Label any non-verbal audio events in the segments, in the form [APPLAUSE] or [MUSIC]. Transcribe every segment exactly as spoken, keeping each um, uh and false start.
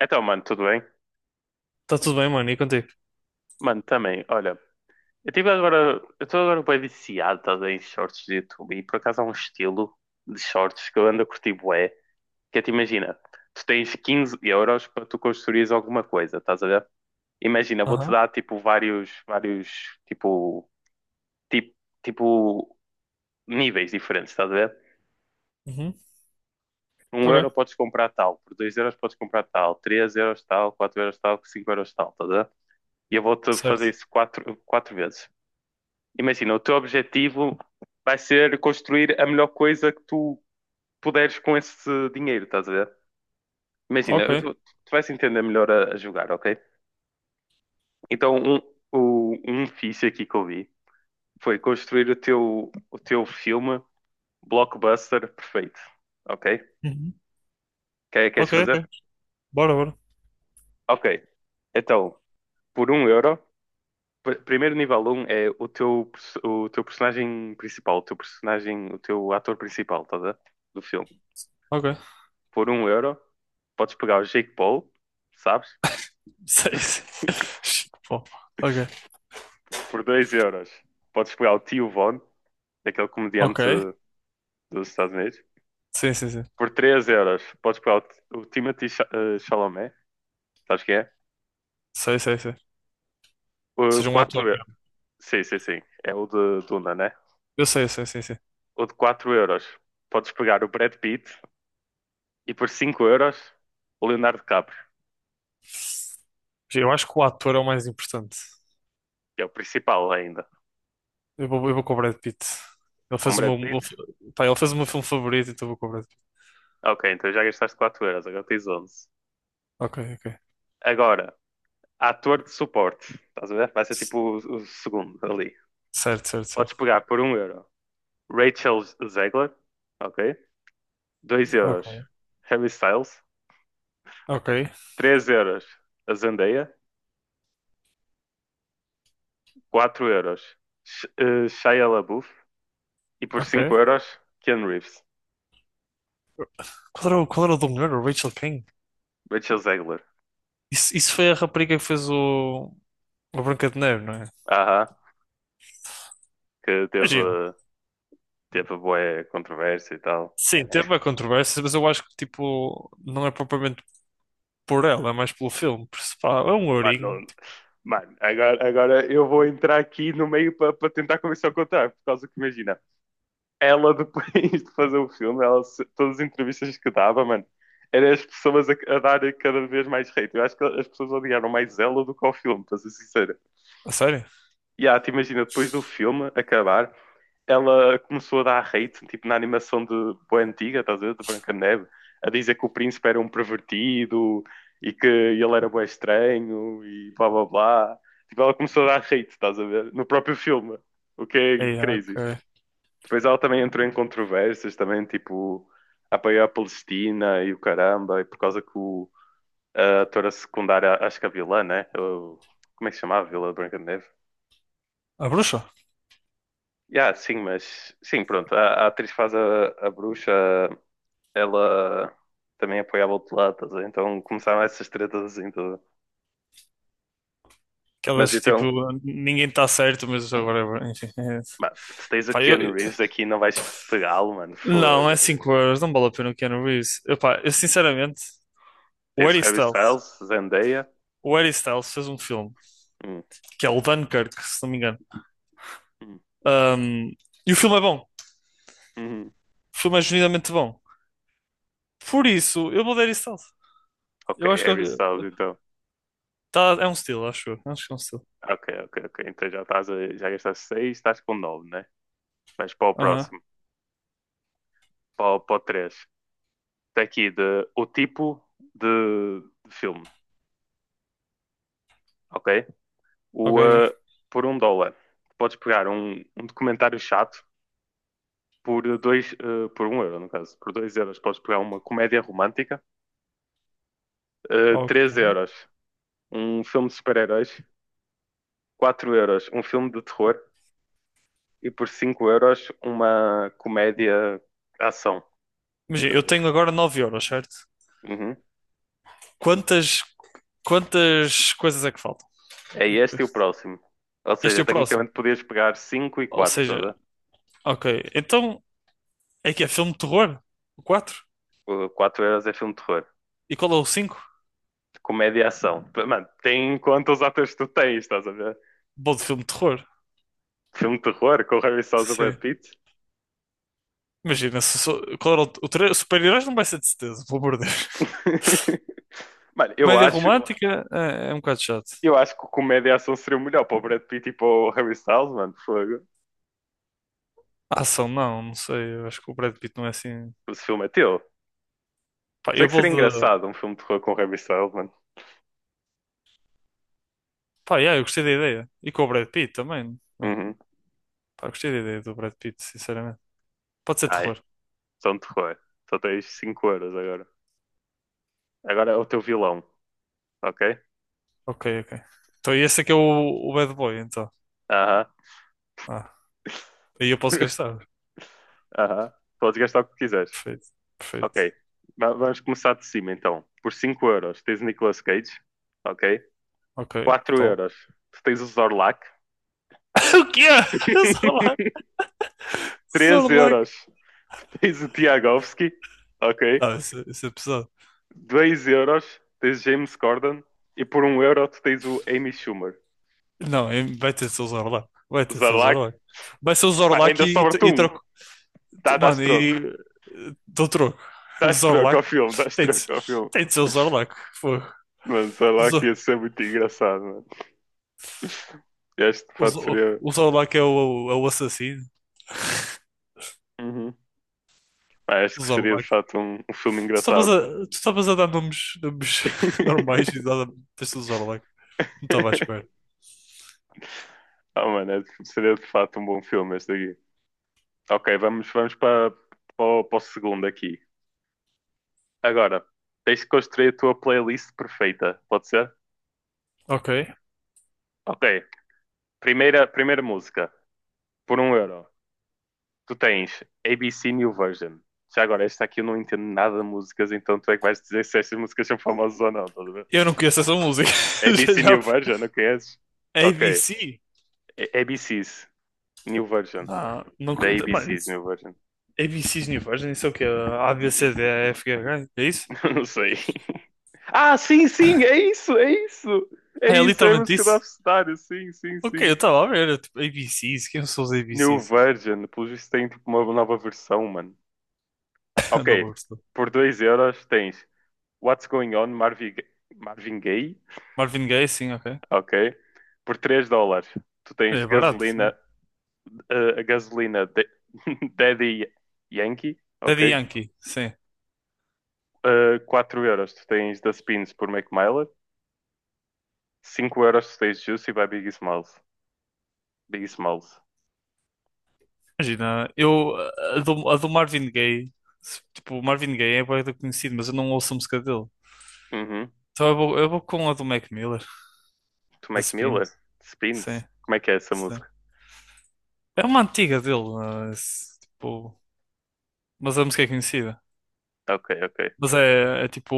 Então, mano, tudo bem? Tá tudo bem, mano, e contigo? Mano, também, olha, eu tive agora, eu estou agora bem viciado, estás a ver, em shorts de YouTube e por acaso há um estilo de shorts que eu ando a curtir bué, que é, te imagina, tu tens quinze euros para tu construires alguma coisa, estás a ver? Imagina, vou-te Aham. dar, tipo, vários, vários, tipo, tipo, tipo, níveis diferentes, estás a ver? Uhum. Um euro Ok. podes comprar tal, por dois euros podes comprar tal, três euros tal, quatro euros tal, cinco euros tal, estás a ver? E eu vou-te fazer Certo. isso quatro, quatro vezes. Imagina, o teu objetivo vai ser construir a melhor coisa que tu puderes com esse dinheiro, estás a ver? Imagina, Ok. eu- tu, tu vais entender melhor a, a jogar, ok? Então, um, o, um fixe aqui que eu vi foi construir o teu, o teu filme blockbuster perfeito, ok? Uhum. Quer, queres Ok, fazer? ok. Bora, bora. Ok, então, por um euro, pr- primeiro nível um é o teu, perso- o teu personagem principal, o teu personagem, o teu ator principal, estás a ver? Do filme. Ok. [LAUGHS] Por um euro, podes pegar o Jake Paul, sabes? Sei, sei. Bom, ok. Por dois euros, podes pegar o Tio Von, aquele comediante Ok. dos Estados Unidos. Sim, sim, sim. Por três euros, podes pegar o, o Timothée Cha- eh, Chalamet, sabes quem é? Sei, sei, sei. O Seja um quatro ator euros, mesmo. sim, sim, sim, é o de Duna, né? Eu sei, eu sei, sim, sim. O de quatro euros, podes pegar o Brad Pitt. E por cinco euros, o Leonardo DiCaprio, Eu acho que o ator é o mais importante. que é o principal ainda. Eu vou, eu vou com o Brad Pitt. Ele Com o fez o Brad meu, Pitt? o- pá, ele fez o meu filme favorito, então eu vou com o Brad Pitt. Ok, então já gastaste quatro euros, agora tens onze. Ok, ok. Agora, ator de suporte. Estás a ver? Vai ser C- tipo o, o segundo ali. Certo, certo, Podes certo. pegar por um euro Rachel Zegler, ok? Dois euros Ok, Harry Styles, ok, três euros a Zendaya, quatro euros Sh eh, Shia LaBeouf e por ok. cinco euros Ken Reeves. Qual era, o- qual era o do melhor? O Rachel King? Rachel Zegler. Isso, isso foi a rapariga que fez o, o Branca de Neve, não é? Aham, que teve, Imagina. teve boa controvérsia e tal. Sim, Mano, é- teve a controvérsia, mas eu acho que, tipo, não é propriamente por ela, é mais pelo filme. Por isso, pá, é um mano, ourinho. não- Tipo. mano, agora, agora eu vou entrar aqui no meio para tentar começar a contar, por causa que imagina. Ela depois de fazer o filme, ela, todas as entrevistas que dava, mano, eram as pessoas a, a darem cada vez mais hate. Eu acho que as pessoas odiaram mais ela do que ao filme, para ser sincero. A sério? E ah, te imagina, depois do filme acabar, ela começou a dar hate, tipo na animação de boa antiga, estás a ver, de Branca de Neve, a dizer que o príncipe era um pervertido e que ele era bem estranho e blá blá blá. Tipo, ela começou a dar hate, estás a ver, no próprio filme, o que é É, crazy. ok. Depois ela também entrou em controvérsias, também, tipo, apoiou a Palestina e o caramba, e por causa que o, a atora secundária, acho que é a vilã, né? O- como é que se chamava? Vila Branca de Neve? A bruxa? Yeah, sim, mas sim, pronto. A, a atriz que faz a, a bruxa, ela também apoiava o outro lado, estás a ver? Então começaram essas tretas assim todas. Mas Aquelas que, tipo, então, ninguém está certo, mas agora, é- enfim. É. mano, tu tens o Pá, eu. Keanu Reeves aqui e não vais pegá-lo, mano, Não, é fogo. cinco euros, não vale a pena o Keanu Reeves. Epá, eu sinceramente, o Tens Harry o Harry Styles, Styles, Zendaya. o Harry Styles fez um filme, Hum, que é o Dunkirk, se não me engano. hum, Um, e o filme é bom. hum. hum. O filme é genuinamente bom. Por isso, eu vou dar Harry Styles. Ok, Eu acho que Harry Styles, eu- então. tá, é um estilo, acho eu. Acho que é um estilo. Ok, ok, ok. Então já estás a, já gastaste seis, estás com nove, né? Mas para o Aham, próximo, para, o- para o terceiro. Está aqui de, o tipo de, de filme, ok? ok, O, ok. eh, por um dólar, podes pegar um, um documentário chato por dois, eh, por um euro, no caso. Por dois euros podes pegar uma comédia romântica. Eh, Ok. três euros, um filme de super-heróis. Quatro euros, um filme de terror. E por cinco euros, uma comédia ação. De, Imagina, eu tenho agora nove euros, certo? Uhum. Quantas, quantas coisas é que faltam? É este e o próximo. Ou Este seja, é o próximo. tecnicamente podias pegar cinco e Ou quatro, estás seja, a ver? ok. Então, é que é filme de terror? O quatro? O quatro euros é filme de terror. E qual é o cinco? Comédia e ação. Mano, tem em conta os atores que tu tens, estás a ver? Bom de filme de terror. Filme de terror com o Harry Styles e o Brad Sim. Pitt. Imagina, se, sou- qual era o, o tre- super-heróis não vai ser de certeza, pelo amor de Deus. [LAUGHS] Mano, [LAUGHS] eu Comédia acho, romântica é, é um bocado chato. eu acho que o comédia e ação seria o melhor para o Brad Pitt e para o Harry Styles, mano. Fogo. A ação, não, não sei. Eu acho que o Brad Pitt não é assim. Esse filme é teu. Pá, Sei eu que vou seria de. engraçado um filme de terror com o Harry Styles, mano. Pá, yeah, eu gostei da ideia. E com o Brad Pitt também, né? Uhum. Pá, eu gostei da ideia do Brad Pitt, sinceramente. Pode ser Tá, aí. terror. São de terror. Só tens cinco euros agora. Agora é o teu vilão, ok? Ok, ok. Então, e esse aqui é o, o Bad Boy, então. Aham. Ah, aí eu posso [LAUGHS] gastar. Aham. Podes gastar o que quiseres. Perfeito, perfeito. Ok. Va- Vamos começar de cima então. Por cinco euros tens o Nicolas Cage. Ok. Ok, quatro top. euros tu tens o Zorlak. [COUGHS] [LAUGHS] O que é? Zorlac, [LAUGHS] três Zorlac. euros tu tens o Tiagovski. Ok. [LAUGHS] Não, isso, é- isso é pesado. Dois euros tens James Corden. E por um euro tu tens o Amy Schumer. Não, é- vai ter de ser o Zorlac. Vai O ter de ser o Zorlac. Zorlak. Vai ser o Bah, Zorlac ainda e, sobra-te e um. troco. Dá, dás Mano, troco. e. eh, dou troco. O Dás troco Zorlac ao filme. Dás tem de, ser- troco ao filme. tem de ser o Zorlac. Pô. Mano, O, Zorlak ia Zo- ser muito engraçado, mano. [LAUGHS] Este de o fato Zo- seria. o Zorlac é o, é o assassino. Uhum. Pá, acho O que seria de Zorlac. fato um, um filme Tu estavas engraçado. a, tu estavas a dar nomes, nomes [LAUGHS] normais e [LAUGHS] dada- deste o Zorlac. Não estava à espera. Ah, mano, é- seria de fato um bom filme este aqui. Ok, vamos, vamos para, para, o- para o segundo aqui. Agora, tens de construir a tua playlist perfeita, pode ser? Ok. Ok, primeira, primeira música, por um euro. Tu tens A B C New Version. Já agora, esta aqui eu não entendo nada de músicas, então tu é que vais dizer se estas músicas são famosas ou não, estás a ver? Eu não conheço essa música. [LAUGHS] Já, A B C já- New Version, não conheces? Ok, A B C? A- ABCs, New Version. Não, não, co- Da mano, A B C, meu version. A B Cs New Version, isso é o quê? A, B, C, D, E, F, G, H, é isso? [LAUGHS] Não sei. Ah, sim, sim, é isso, é isso. É Ah, é isso, é a literalmente música do isso? Abcedário. Sim, sim, Ok, sim. eu estava a ver, eu, tipo, A B Cs, quem são os New A B Cs? Version, pelo visto tem tipo uma nova versão, mano. [LAUGHS] Ok, Não vou gostar. por dois euros tens What's Going On, Marvin, Marvin Gaye. Marvin Gaye, sim, ok. Ok, por três dólares tu tens É barato, sim, gasolina, sim. eh, a gasolina de- [LAUGHS] Daddy Yankee. Ok, Daddy Yankee, sim. Eh, quatro euros tu tens The Spins por Mac Miller. Cinco euros tu tens Juicy by Biggie Smalls. Big Smalls. Imagina, eu, a do, a do Marvin Gaye, se- tipo, o Marvin Gaye é bué da conhecido, mas eu não ouço a música dele. Uhum. Então eu vou, eu vou com a do Mac Miller, da Mac Spin, Miller? sim, Spins? Como é que é essa sim. música? É uma antiga dele, mas, tipo, mas a música é conhecida. Ok, ok. Mas é, é tipo,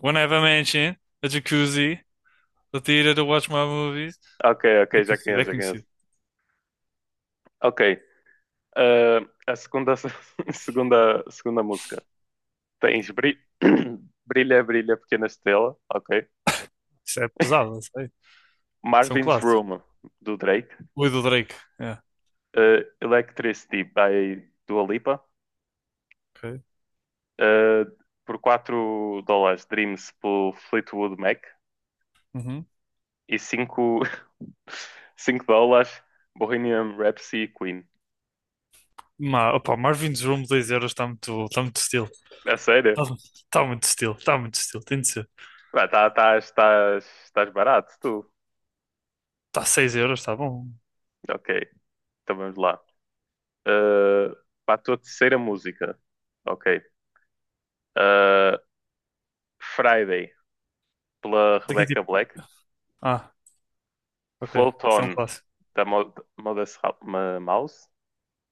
One Have a Mansion, a jacuzzi, a theater to watch my movies. Ok, É ok, já conhecido, é conheço, já conheço. conhecido. Ok. ah, a segunda, [LAUGHS] segunda, segunda música. Tens Bri- [COUGHS] [CLEARS THROAT] Brilha, Brilha, Pequena Estrela. Ok. Isso é pesado, não sei. Isso é um Marvin's clássico. Room, do Drake. O do Drake. É, Ah, Electricity, by Dua Lipa. ok. Ah, por quatro dólares, Dreams, por Fleetwood Mac. Uhum. E cinco, [LAUGHS] cinco dólares, Bohemian Rhapsody, Queen. Ma, opa, Marvin's Room dois euros está muito, está muito estilo. É Está sério? tá muito estilo, está muito estilo. Tem de ser. Pá, tá, estás, estás, estás barato, tu. Está seis euros, está bom. Ok, então vamos lá. Uh, Para a tua terceira música. Ok. Uh, Friday, pela Daqui Rebecca tipo. Black. Ah, ok. Float Isso é um On, clássico. da Mo- Modest Ra- Ma- Mouse,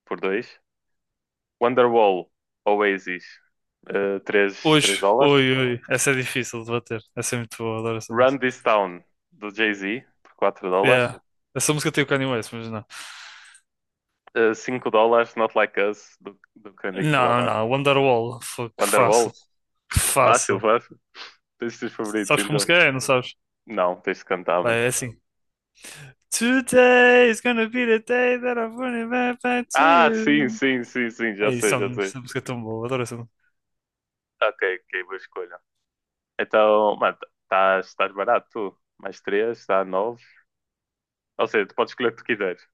por dois. Wonderwall, Oasis, uh, três três Hoje, dólares. oi, oi. Essa é difícil de bater. Essa é muito boa, adoro essa Run música. This Town, do Jay-Z, por quatro dólares. Yeah. Essa música tem o Kanye West, mas não. Uh, cinco dólares, Not Like Us, do, do Kendrick Não, Lamar. não, Wonderwall. Foi que fácil. Wonderwall, Que fácil, fácil. fácil. Tens os teus favoritos, Sabes como então. música é, não sabes? Não, tens de cantar, mano. Vai, é assim. Today is gonna be the day that I'm running back back to Ah, sim, you. sim, sim, sim, já É isso, sei, é já uma- sei. essa música é tão boa, adoro essa. Ok, ok, boa escolha. Então, mano, estás estás barato, tu. Mais três, está nove. Ou seja, tu podes escolher o que tu quiseres.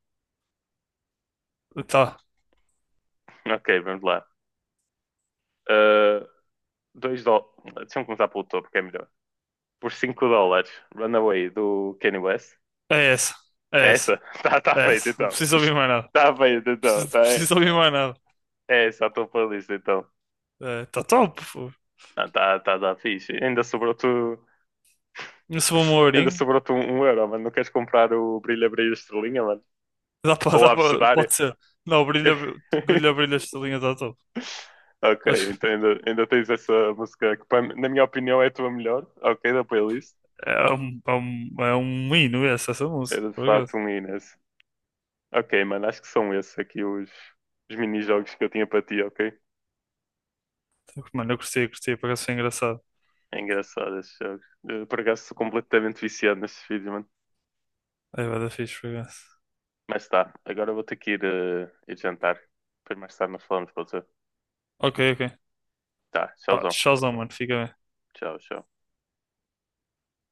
Tá, Ok, vamos lá. Ah, dois dólares. Deixa-me começar pelo topo, que é melhor. Por cinco dólares, Runaway do Kanye West. é essa, é É essa, essa? [LAUGHS] Tá, tá é feito, essa. Não então. preciso ouvir mais nada. Tá feito, então. Tá, Preciso, é preciso ouvir mais nada. essa a tua playlist, então. É, tá top, pô. Ah, tá, tá, tá fixe. Ainda sobrou tu Não sou um Ainda ourinho. sobrou-te um, um euro, mano. Não queres comprar o brilha, brilha, estrelinha, mano? Dá pra, Ou dá a pra, abecedária? pode ser. Não, brilha, brilha, [LAUGHS] brilha, esta linha tá top. Ok, Acho então que ainda, ainda tens essa música que, para- na minha opinião, é a tua melhor. Ok, da playlist. é um, é um, é um hino essa, essa música, Era de por fato acaso. um Inês. Ok, mano, acho que são esses aqui os, os mini-jogos que eu tinha para ti, ok? Mano, eu curti, curti, por ser engraçado. É engraçado esses jogos. Eh, Por acaso sou completamente viciado nestes vídeos, mano. É, vai dar fixe, por. Mas tá, agora vou ter que ir, eh, ir jantar. Depois mais tarde nós falamos, pode ser? Ok, ok. Tá, Pá, tchauzão. tchauzão, mano, fica bem. Tchau, tchau.